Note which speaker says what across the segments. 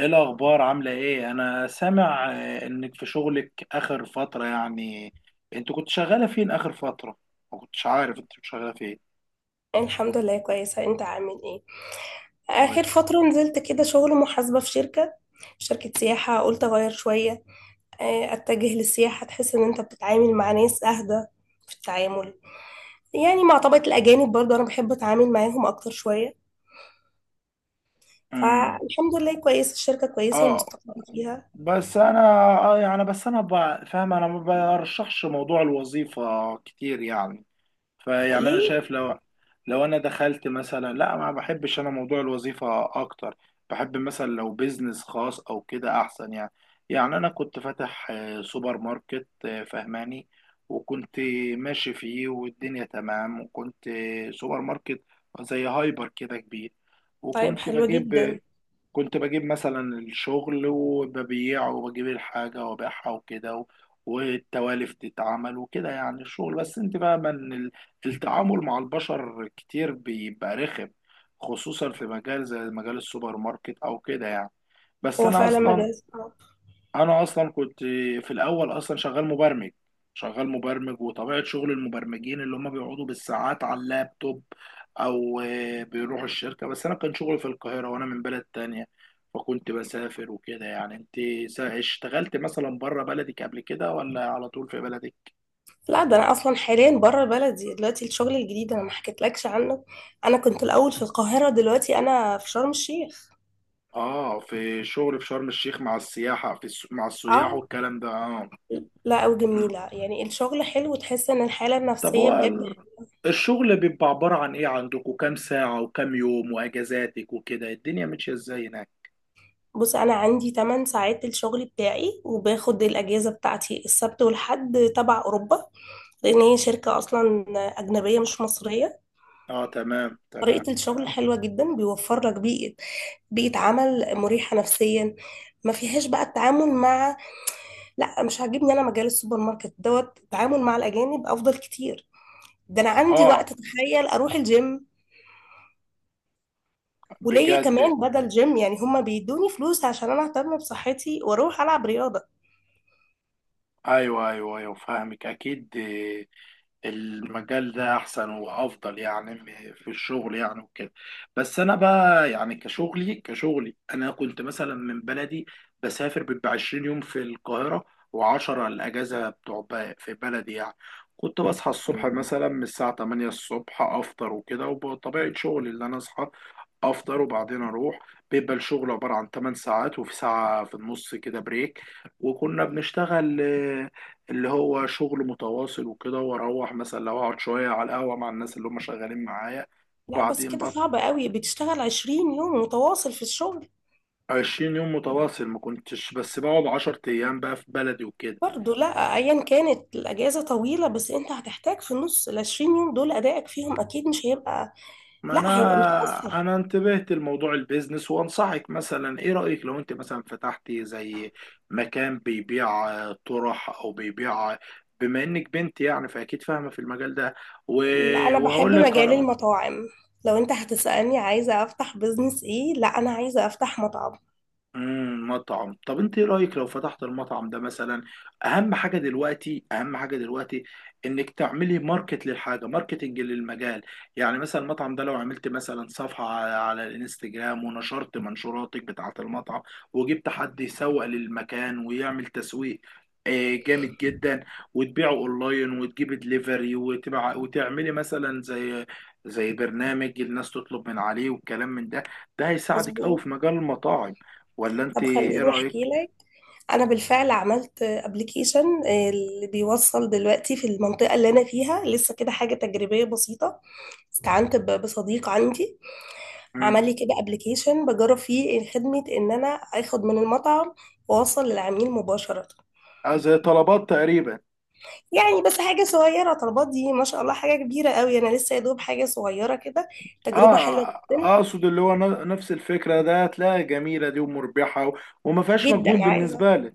Speaker 1: ايه الاخبار؟ عامله ايه؟ انا سامع انك في شغلك اخر فتره يعني. انت كنت شغاله فين اخر فتره؟ ما كنتش عارف انت كنت شغاله فين.
Speaker 2: الحمد لله كويسة. انت عامل ايه؟ اخر
Speaker 1: كويس.
Speaker 2: فترة نزلت كده شغل محاسبة في شركة سياحة، قلت اغير شوية. اتجه للسياحة تحس ان انت بتتعامل مع ناس اهدى في التعامل، يعني مع طبقة الاجانب برضه انا بحب اتعامل معاهم اكتر شوية.
Speaker 1: امم
Speaker 2: فالحمد لله كويسة، الشركة كويسة
Speaker 1: اه.
Speaker 2: ومستقرة فيها.
Speaker 1: بس انا، بس انا فاهم، انا ما برشحش موضوع الوظيفه كتير يعني. فيعني انا
Speaker 2: ليه؟
Speaker 1: شايف لو انا دخلت مثلا لا، ما بحبش انا موضوع الوظيفه اكتر. بحب مثلا لو بيزنس خاص او كده احسن يعني. يعني انا كنت فاتح سوبر ماركت، فهماني. وكنت ماشي فيه والدنيا تمام، وكنت سوبر ماركت زي هايبر كده كبير.
Speaker 2: طيب
Speaker 1: وكنت
Speaker 2: حلوة
Speaker 1: بجيب
Speaker 2: جدا.
Speaker 1: كنت بجيب مثلا الشغل وببيعه، وبجيب الحاجة وببيعها وكده والتوالف تتعمل وكده، يعني الشغل، بس انت فاهمة ان التعامل مع البشر كتير بيبقى رخم، خصوصا في مجال زي مجال السوبر ماركت او كده يعني. بس
Speaker 2: هو
Speaker 1: انا
Speaker 2: فعلا
Speaker 1: اصلا
Speaker 2: مجال صعب.
Speaker 1: انا اصلا كنت، في الاول اصلا شغال مبرمج وطبيعه شغل المبرمجين اللي هم بيقعدوا بالساعات على اللابتوب، او بيروحوا الشركه. بس انا كان شغلي في القاهره وانا من بلد تانية، فكنت بسافر وكده. يعني انت، اشتغلت مثلا بره بلدك قبل كده ولا على طول في بلدك؟
Speaker 2: لا، ده انا اصلا حاليا بره بلدي، دلوقتي الشغل الجديد انا ما حكيتلكش عنه. انا كنت الاول في القاهرة، دلوقتي انا في شرم الشيخ.
Speaker 1: اه، في شغل في شرم الشيخ مع السياحه في مع السياح
Speaker 2: اه.
Speaker 1: والكلام ده.
Speaker 2: لا وجميلة،
Speaker 1: اه.
Speaker 2: يعني الشغل حلو وتحس ان الحالة
Speaker 1: طب،
Speaker 2: النفسية
Speaker 1: هو
Speaker 2: بجد.
Speaker 1: الشغل بيبقى عبارة عن ايه؟ عندكم كام ساعة وكام يوم، واجازاتك وكده الدنيا ماشية ازاي هناك؟
Speaker 2: بص، انا عندي 8 ساعات الشغل بتاعي، وباخد الاجازة بتاعتي السبت والحد تبع اوروبا، لان هي شركة اصلا اجنبية مش مصرية.
Speaker 1: اه، تمام تمام.
Speaker 2: طريقة الشغل حلوة جدا، بيوفر لك بيئة عمل مريحة نفسيا، ما فيهاش بقى التعامل مع، لا مش عاجبني انا مجال السوبر ماركت دوت، التعامل مع الاجانب افضل كتير. ده انا عندي
Speaker 1: اه،
Speaker 2: وقت، تخيل اروح الجيم. وليا
Speaker 1: بجد.
Speaker 2: كمان بدل جيم يعني، هما بيدوني فلوس عشان انا اهتم بصحتي واروح العب رياضة.
Speaker 1: ايوه ايوه ايوه، فاهمك اكيد. المجال ده احسن وافضل يعني، في الشغل يعني وكده. بس انا بقى يعني، كشغلي انا كنت مثلا من بلدي بسافر، بيبقى 20 يوم في القاهره و10 الاجازه بتوع في بلدي يعني. كنت بصحى الصبح مثلا من الساعه 8 الصبح، افطر وكده، وبطبيعه شغلي اللي انا اصحى افطر وبعدين اروح. بيبقى الشغل عباره عن 8 ساعات، وفي ساعه في النص كده بريك، وكنا بنشتغل، اللي هو شغل متواصل وكده، واروح مثلا لو اقعد شويه على القهوه مع الناس اللي هم شغالين معايا،
Speaker 2: لا، بس
Speaker 1: وبعدين
Speaker 2: كده
Speaker 1: بطل.
Speaker 2: صعب قوي، بتشتغل 20 يوم متواصل في الشغل؟
Speaker 1: 20 يوم متواصل ما كنتش، بس بقعد 10 ايام بقى في بلدي وكده.
Speaker 2: برضه لا ايا كانت الاجازة طويلة، بس انت هتحتاج في النص ال 20 يوم دول ادائك فيهم اكيد مش هيبقى،
Speaker 1: ما
Speaker 2: لا هيبقى
Speaker 1: انا،
Speaker 2: متأثر.
Speaker 1: انتبهت لموضوع البيزنس، وانصحك مثلا، ايه رأيك لو انت مثلا فتحتي زي مكان بيبيع طرح او بيبيع، بما انك بنت يعني، فاكيد فاهمة في المجال ده.
Speaker 2: لا انا
Speaker 1: وهقول
Speaker 2: بحب
Speaker 1: لك
Speaker 2: مجال
Speaker 1: على.
Speaker 2: المطاعم، لو انت هتسألني عايزة افتح بزنس ايه، لا انا عايزة افتح مطعم.
Speaker 1: امم، مطعم. طب انت ايه رايك لو فتحت المطعم ده مثلا؟ اهم حاجه دلوقتي انك تعملي ماركت للحاجه، ماركتنج للمجال. يعني مثلا المطعم ده لو عملت مثلا صفحه على الانستجرام، ونشرت منشوراتك بتاعه المطعم، وجبت حد يسوق للمكان ويعمل تسويق، جامد جدا. وتبيعه اونلاين، وتجيبي دليفري وتبع، وتعملي مثلا زي، برنامج الناس تطلب من عليه والكلام من ده. ده هيساعدك قوي
Speaker 2: مظبوط.
Speaker 1: في مجال المطاعم. ولا انت
Speaker 2: طب
Speaker 1: ايه
Speaker 2: خليني احكي
Speaker 1: رأيك؟
Speaker 2: لك. انا بالفعل عملت ابلكيشن اللي بيوصل دلوقتي في المنطقه اللي انا فيها، لسه كده حاجه تجريبيه بسيطه. استعنت بصديق عندي
Speaker 1: امم.
Speaker 2: عمل لي كده ابلكيشن بجرب فيه خدمه ان انا اخد من المطعم واوصل للعميل مباشره.
Speaker 1: آه، زي طلبات تقريبا.
Speaker 2: يعني بس حاجه صغيره، طلبات دي ما شاء الله حاجه كبيره قوي، انا لسه يا دوب حاجه صغيره كده، تجربه حلوه.
Speaker 1: اه،
Speaker 2: جدا.
Speaker 1: اقصد اللي هو نفس الفكرة ده، هتلاقيها جميلة دي، ومربحة، وما فيهاش مجهود
Speaker 2: جدا عايزه.
Speaker 1: بالنسبة لك.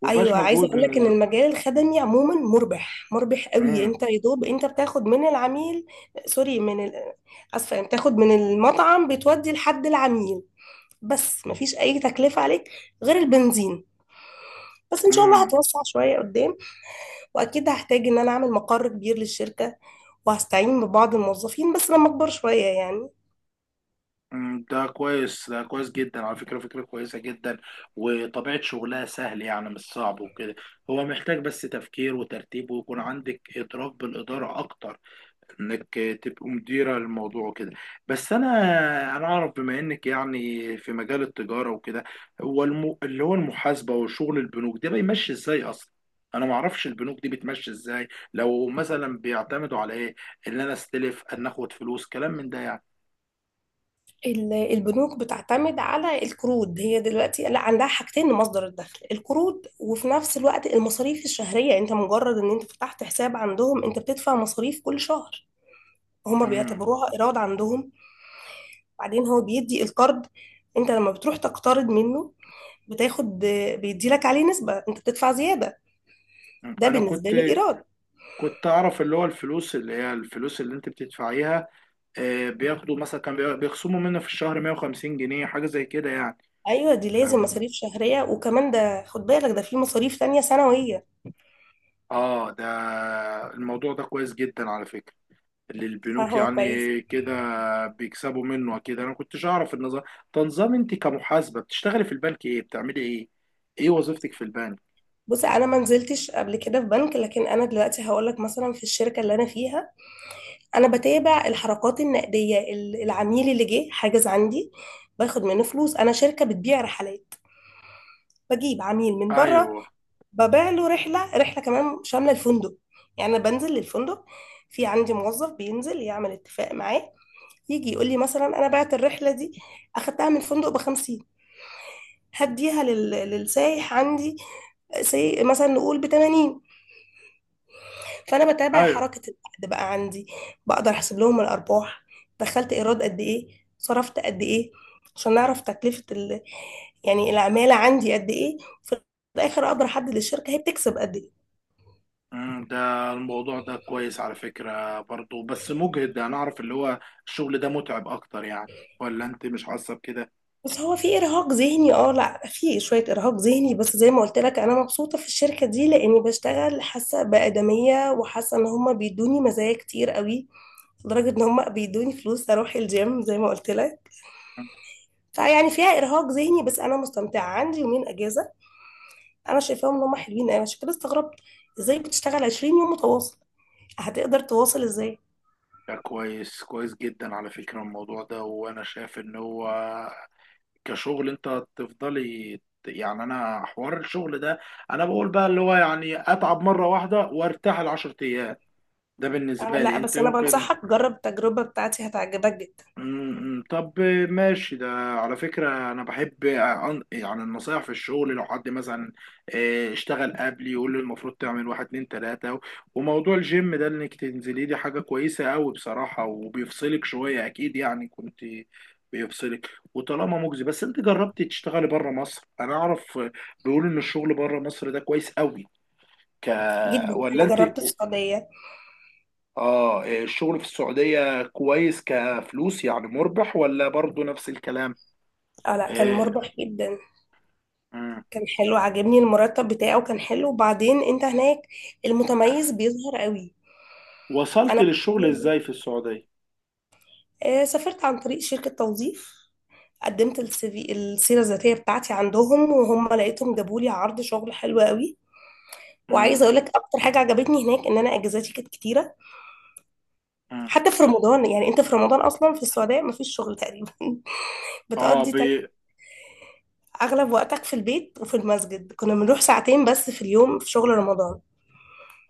Speaker 1: وما فيهاش
Speaker 2: ايوه عايزه
Speaker 1: مجهود
Speaker 2: اقول لك ان
Speaker 1: بالنسبة.
Speaker 2: المجال الخدمي عموما مربح، مربح قوي،
Speaker 1: امم.
Speaker 2: انت يا دوب انت بتاخد من العميل، سوري من ال... اسفه يعني، بتاخد من المطعم بتودي لحد العميل، بس مفيش اي تكلفه عليك غير البنزين. بس ان شاء الله
Speaker 1: امم.
Speaker 2: هتوسع شويه قدام، واكيد هحتاج ان انا اعمل مقر كبير للشركه، وهستعين ببعض الموظفين بس لما اكبر شويه يعني.
Speaker 1: ده كويس، ده كويس جدا على فكرة، فكرة كويسة جدا. وطبيعة شغلها سهل يعني، مش صعب وكده. هو محتاج بس تفكير وترتيب، ويكون عندك إدراك بالإدارة أكتر، انك تبقوا مديرة للموضوع وكده. بس انا، انا اعرف بما انك يعني في مجال التجارة وكده، هو اللي هو المحاسبة وشغل البنوك ده بيمشي ازاي اصلا؟ انا ما اعرفش البنوك دي بتمشي ازاي. لو مثلا بيعتمدوا على ايه، ان انا استلف، ان اخد فلوس، كلام من ده يعني.
Speaker 2: البنوك بتعتمد على القروض، هي دلوقتي لا عندها حاجتين لمصدر الدخل، القروض وفي نفس الوقت المصاريف الشهرية. انت مجرد ان انت فتحت حساب عندهم انت بتدفع مصاريف كل شهر، هما
Speaker 1: امم.
Speaker 2: بيعتبروها ايراد عندهم. بعدين هو بيدي القرض، انت لما بتروح تقترض منه بتاخد، بيدي لك عليه نسبة، انت بتدفع زيادة، ده
Speaker 1: انا
Speaker 2: بالنسبة
Speaker 1: كنت
Speaker 2: له ايراد.
Speaker 1: كنت اعرف اللي هو الفلوس، اللي هي الفلوس اللي انت بتدفعيها، بياخدوا مثلا، كان بيخصموا منها في الشهر 150 جنيه، حاجة زي كده يعني.
Speaker 2: ايوه دي لازم
Speaker 1: فاهم.
Speaker 2: مصاريف شهرية، وكمان ده خد بالك ده في مصاريف تانية سنوية.
Speaker 1: اه ده، الموضوع ده كويس جدا على فكرة، اللي البنوك
Speaker 2: فهو
Speaker 1: يعني
Speaker 2: كويس.
Speaker 1: كده بيكسبوا منه اكيد. انا كنتش اعرف النظام. تنظام، انت كمحاسبة بتشتغلي في البنك، ايه بتعملي؟ ايه ايه وظيفتك في البنك؟
Speaker 2: بصي، انا ما نزلتش قبل كده في بنك، لكن انا دلوقتي هقول لك مثلا في الشركه اللي انا فيها، انا بتابع الحركات النقديه. العميل اللي جه حاجز عندي، باخد منه فلوس. انا شركه بتبيع رحلات، بجيب عميل من بره،
Speaker 1: ايوه.
Speaker 2: ببيع له رحله. رحله كمان شامله الفندق، يعني انا بنزل للفندق، في عندي موظف بينزل يعمل اتفاق معاه، يجي يقول لي مثلا انا بعت الرحله دي، اخدتها من الفندق ب 50، هديها لل... للسايح عندي سي... مثلا نقول ب 80. فانا بتابع
Speaker 1: ايوه.
Speaker 2: حركه العقد بقى عندي، بقدر احسب لهم الارباح، دخلت ايراد قد ايه، صرفت قد ايه، عشان نعرف تكلفه ال... يعني العماله عندي قد ايه. في الاخر اقدر احدد الشركه هي بتكسب قد ايه.
Speaker 1: ده الموضوع ده كويس على فكرة برضو، بس مجهد، انا اعرف اللي هو، الشغل ده متعب اكتر يعني، ولا انت مش حاسة بكده؟
Speaker 2: بس هو في ارهاق ذهني، اه لا في شويه ارهاق ذهني، بس زي ما قلت لك انا مبسوطه في الشركه دي لاني بشتغل حاسه بادميه، وحاسه ان هما بيدوني مزايا كتير قوي، لدرجه ان هما بيدوني فلوس اروح الجيم زي ما قلت لك. فيعني فيها ارهاق ذهني بس انا مستمتعه. عندي يومين اجازه انا شايفاهم ان هم حلوين أوي، عشان كده استغربت ازاي بتشتغل 20 يوم متواصل، هتقدر تواصل ازاي؟
Speaker 1: ده كويس، كويس جدا على فكرة الموضوع ده. وانا شايف ان هو كشغل، انت تفضلي يعني، انا حوار الشغل ده، انا بقول بقى اللي هو يعني اتعب مره واحده وارتاح العشر ايام. ده
Speaker 2: أنا
Speaker 1: بالنسبه
Speaker 2: لا،
Speaker 1: لي، انت
Speaker 2: بس انا
Speaker 1: يمكن.
Speaker 2: بنصحك جرب التجربه بتاعتي هتعجبك جدا.
Speaker 1: طب ماشي، ده على فكرة أنا بحب يعني النصايح في الشغل، لو حد مثلا اشتغل قبلي يقول لي المفروض تعمل 1 2 3 وموضوع الجيم ده، إنك تنزلي دي حاجة كويسة أوي بصراحة، وبيفصلك شوية أكيد يعني، كنت بيفصلك. وطالما مجزي، بس أنت جربتي تشتغلي بره مصر؟ أنا أعرف بيقولوا إن الشغل بره مصر ده كويس أوي. ك
Speaker 2: جدا.
Speaker 1: ولا
Speaker 2: انا
Speaker 1: أنت؟
Speaker 2: جربت السعوديه.
Speaker 1: اه إيه، الشغل في السعودية كويس كفلوس يعني، مربح ولا برضو نفس الكلام؟
Speaker 2: اه لا كان
Speaker 1: إيه،
Speaker 2: مربح جدا.
Speaker 1: مم.
Speaker 2: كان حلو، عجبني المرتب بتاعه كان حلو، وبعدين انت هناك المتميز بيظهر قوي.
Speaker 1: وصلت
Speaker 2: انا
Speaker 1: للشغل ازاي في السعودية؟
Speaker 2: سافرت عن طريق شركه توظيف، قدمت السي في السيره الذاتيه بتاعتي عندهم، وهم لقيتهم جابوا لي عرض شغل حلو قوي. وعايزه
Speaker 1: مم.
Speaker 2: اقول لك اكتر حاجه عجبتني هناك ان انا اجازاتي كانت كتيره،
Speaker 1: مم.
Speaker 2: حتى في رمضان. يعني انت في رمضان اصلا في السعوديه مفيش شغل تقريبا
Speaker 1: اه
Speaker 2: بتقضي تل- اغلب وقتك في البيت وفي المسجد، كنا بنروح ساعتين بس في اليوم في شغل رمضان.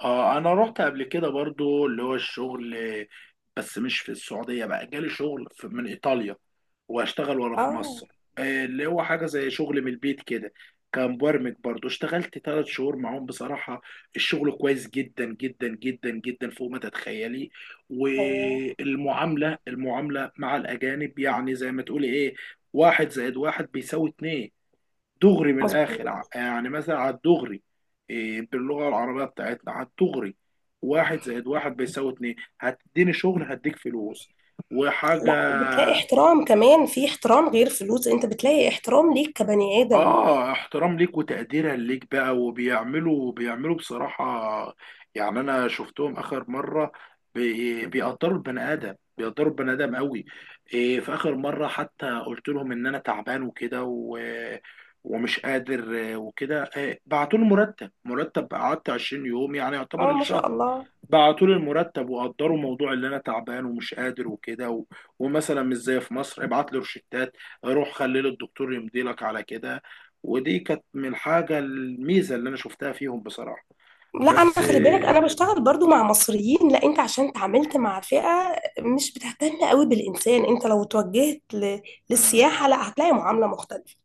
Speaker 1: اه انا رحت قبل كده برضو، اللي هو الشغل بس مش في السعودية بقى، جالي شغل من ايطاليا، واشتغل وانا في
Speaker 2: اه
Speaker 1: مصر. اللي هو حاجة زي شغل من البيت كده، كمبرمج برضو، اشتغلت 3 شهور معاهم بصراحة. الشغل كويس جدا جدا جدا جدا، فوق ما تتخيلي.
Speaker 2: ايوه
Speaker 1: المعاملة مع الأجانب يعني، زي ما تقولي ايه، 1+1=2، دغري من
Speaker 2: مظبوط.
Speaker 1: الاخر، يعني مثلا على الدغري. إيه، باللغه العربيه بتاعتنا على الدغري، 1+1=2، هتديني شغل هديك فلوس
Speaker 2: لا بتلاقي
Speaker 1: وحاجه.
Speaker 2: احترام كمان، في احترام غير فلوس، انت بتلاقي احترام ليك كبني ادم.
Speaker 1: اه، احترام ليك وتقديرا ليك بقى، بيعملوا بصراحة يعني، انا شفتهم اخر مرة، بيقدروا البني ادم قوي. إيه، في اخر مرة حتى قلت لهم ان انا تعبان وكده و...، ومش قادر، وكده، إيه بعتوا لي مرتب. قعدت 20 يوم يعني يعتبر
Speaker 2: اه ما شاء
Speaker 1: الشهر،
Speaker 2: الله.
Speaker 1: بعتوا لي المرتب، وقدروا موضوع اللي انا تعبان ومش قادر وكده و...، ومثلا مش زي في مصر، ابعت لي روشتات، روح خلي لي الدكتور يمضي لك على كده. ودي كانت من الحاجه، الميزه اللي انا شفتها فيهم بصراحه.
Speaker 2: لا انا
Speaker 1: بس
Speaker 2: خلي بالك انا بشتغل برضو مع مصريين، لا انت عشان اتعاملت مع فئه مش بتهتم قوي بالانسان، انت لو توجهت ل...
Speaker 1: آه،
Speaker 2: للسياحه لا هتلاقي معامله مختلفه.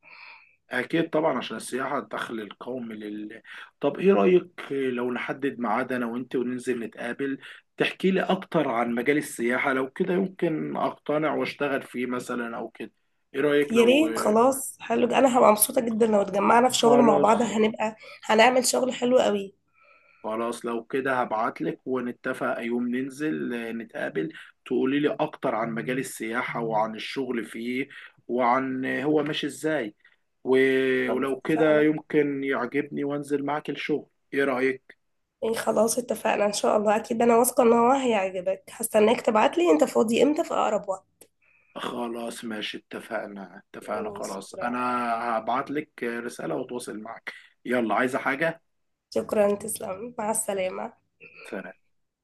Speaker 1: اكيد طبعا عشان السياحه الدخل القومي طب، ايه رايك لو نحدد ميعاد انا وانت وننزل نتقابل، تحكي لي اكتر عن مجال السياحه، لو كده يمكن اقتنع واشتغل فيه مثلا او كده. ايه رايك
Speaker 2: يا
Speaker 1: لو،
Speaker 2: ريت، خلاص حلو، انا هبقى مبسوطة جدا لو
Speaker 1: خ-
Speaker 2: اتجمعنا في شغل مع
Speaker 1: خلاص.
Speaker 2: بعض، هنبقى هنعمل شغل حلو قوي.
Speaker 1: خلاص، لو كده هبعتلك ونتفق يوم ننزل نتقابل، تقولي لي اكتر عن مجال السياحة وعن الشغل فيه، وعن هو ماشي ازاي.
Speaker 2: خلاص
Speaker 1: ولو كده
Speaker 2: اتفقنا.
Speaker 1: يمكن يعجبني وانزل معاك الشغل. ايه رأيك؟
Speaker 2: ايه خلاص اتفقنا ان شاء الله، اكيد انا واثقة ان هو هيعجبك، هستناك تبعتلي، انت فاضي امتى في اقرب وقت؟
Speaker 1: خلاص ماشي، اتفقنا اتفقنا خلاص. انا
Speaker 2: شكرا.
Speaker 1: هبعتلك رسالة واتواصل معاك. يلا، عايزة حاجة؟
Speaker 2: شكرا تسلم، مع السلامة.
Speaker 1: سلام.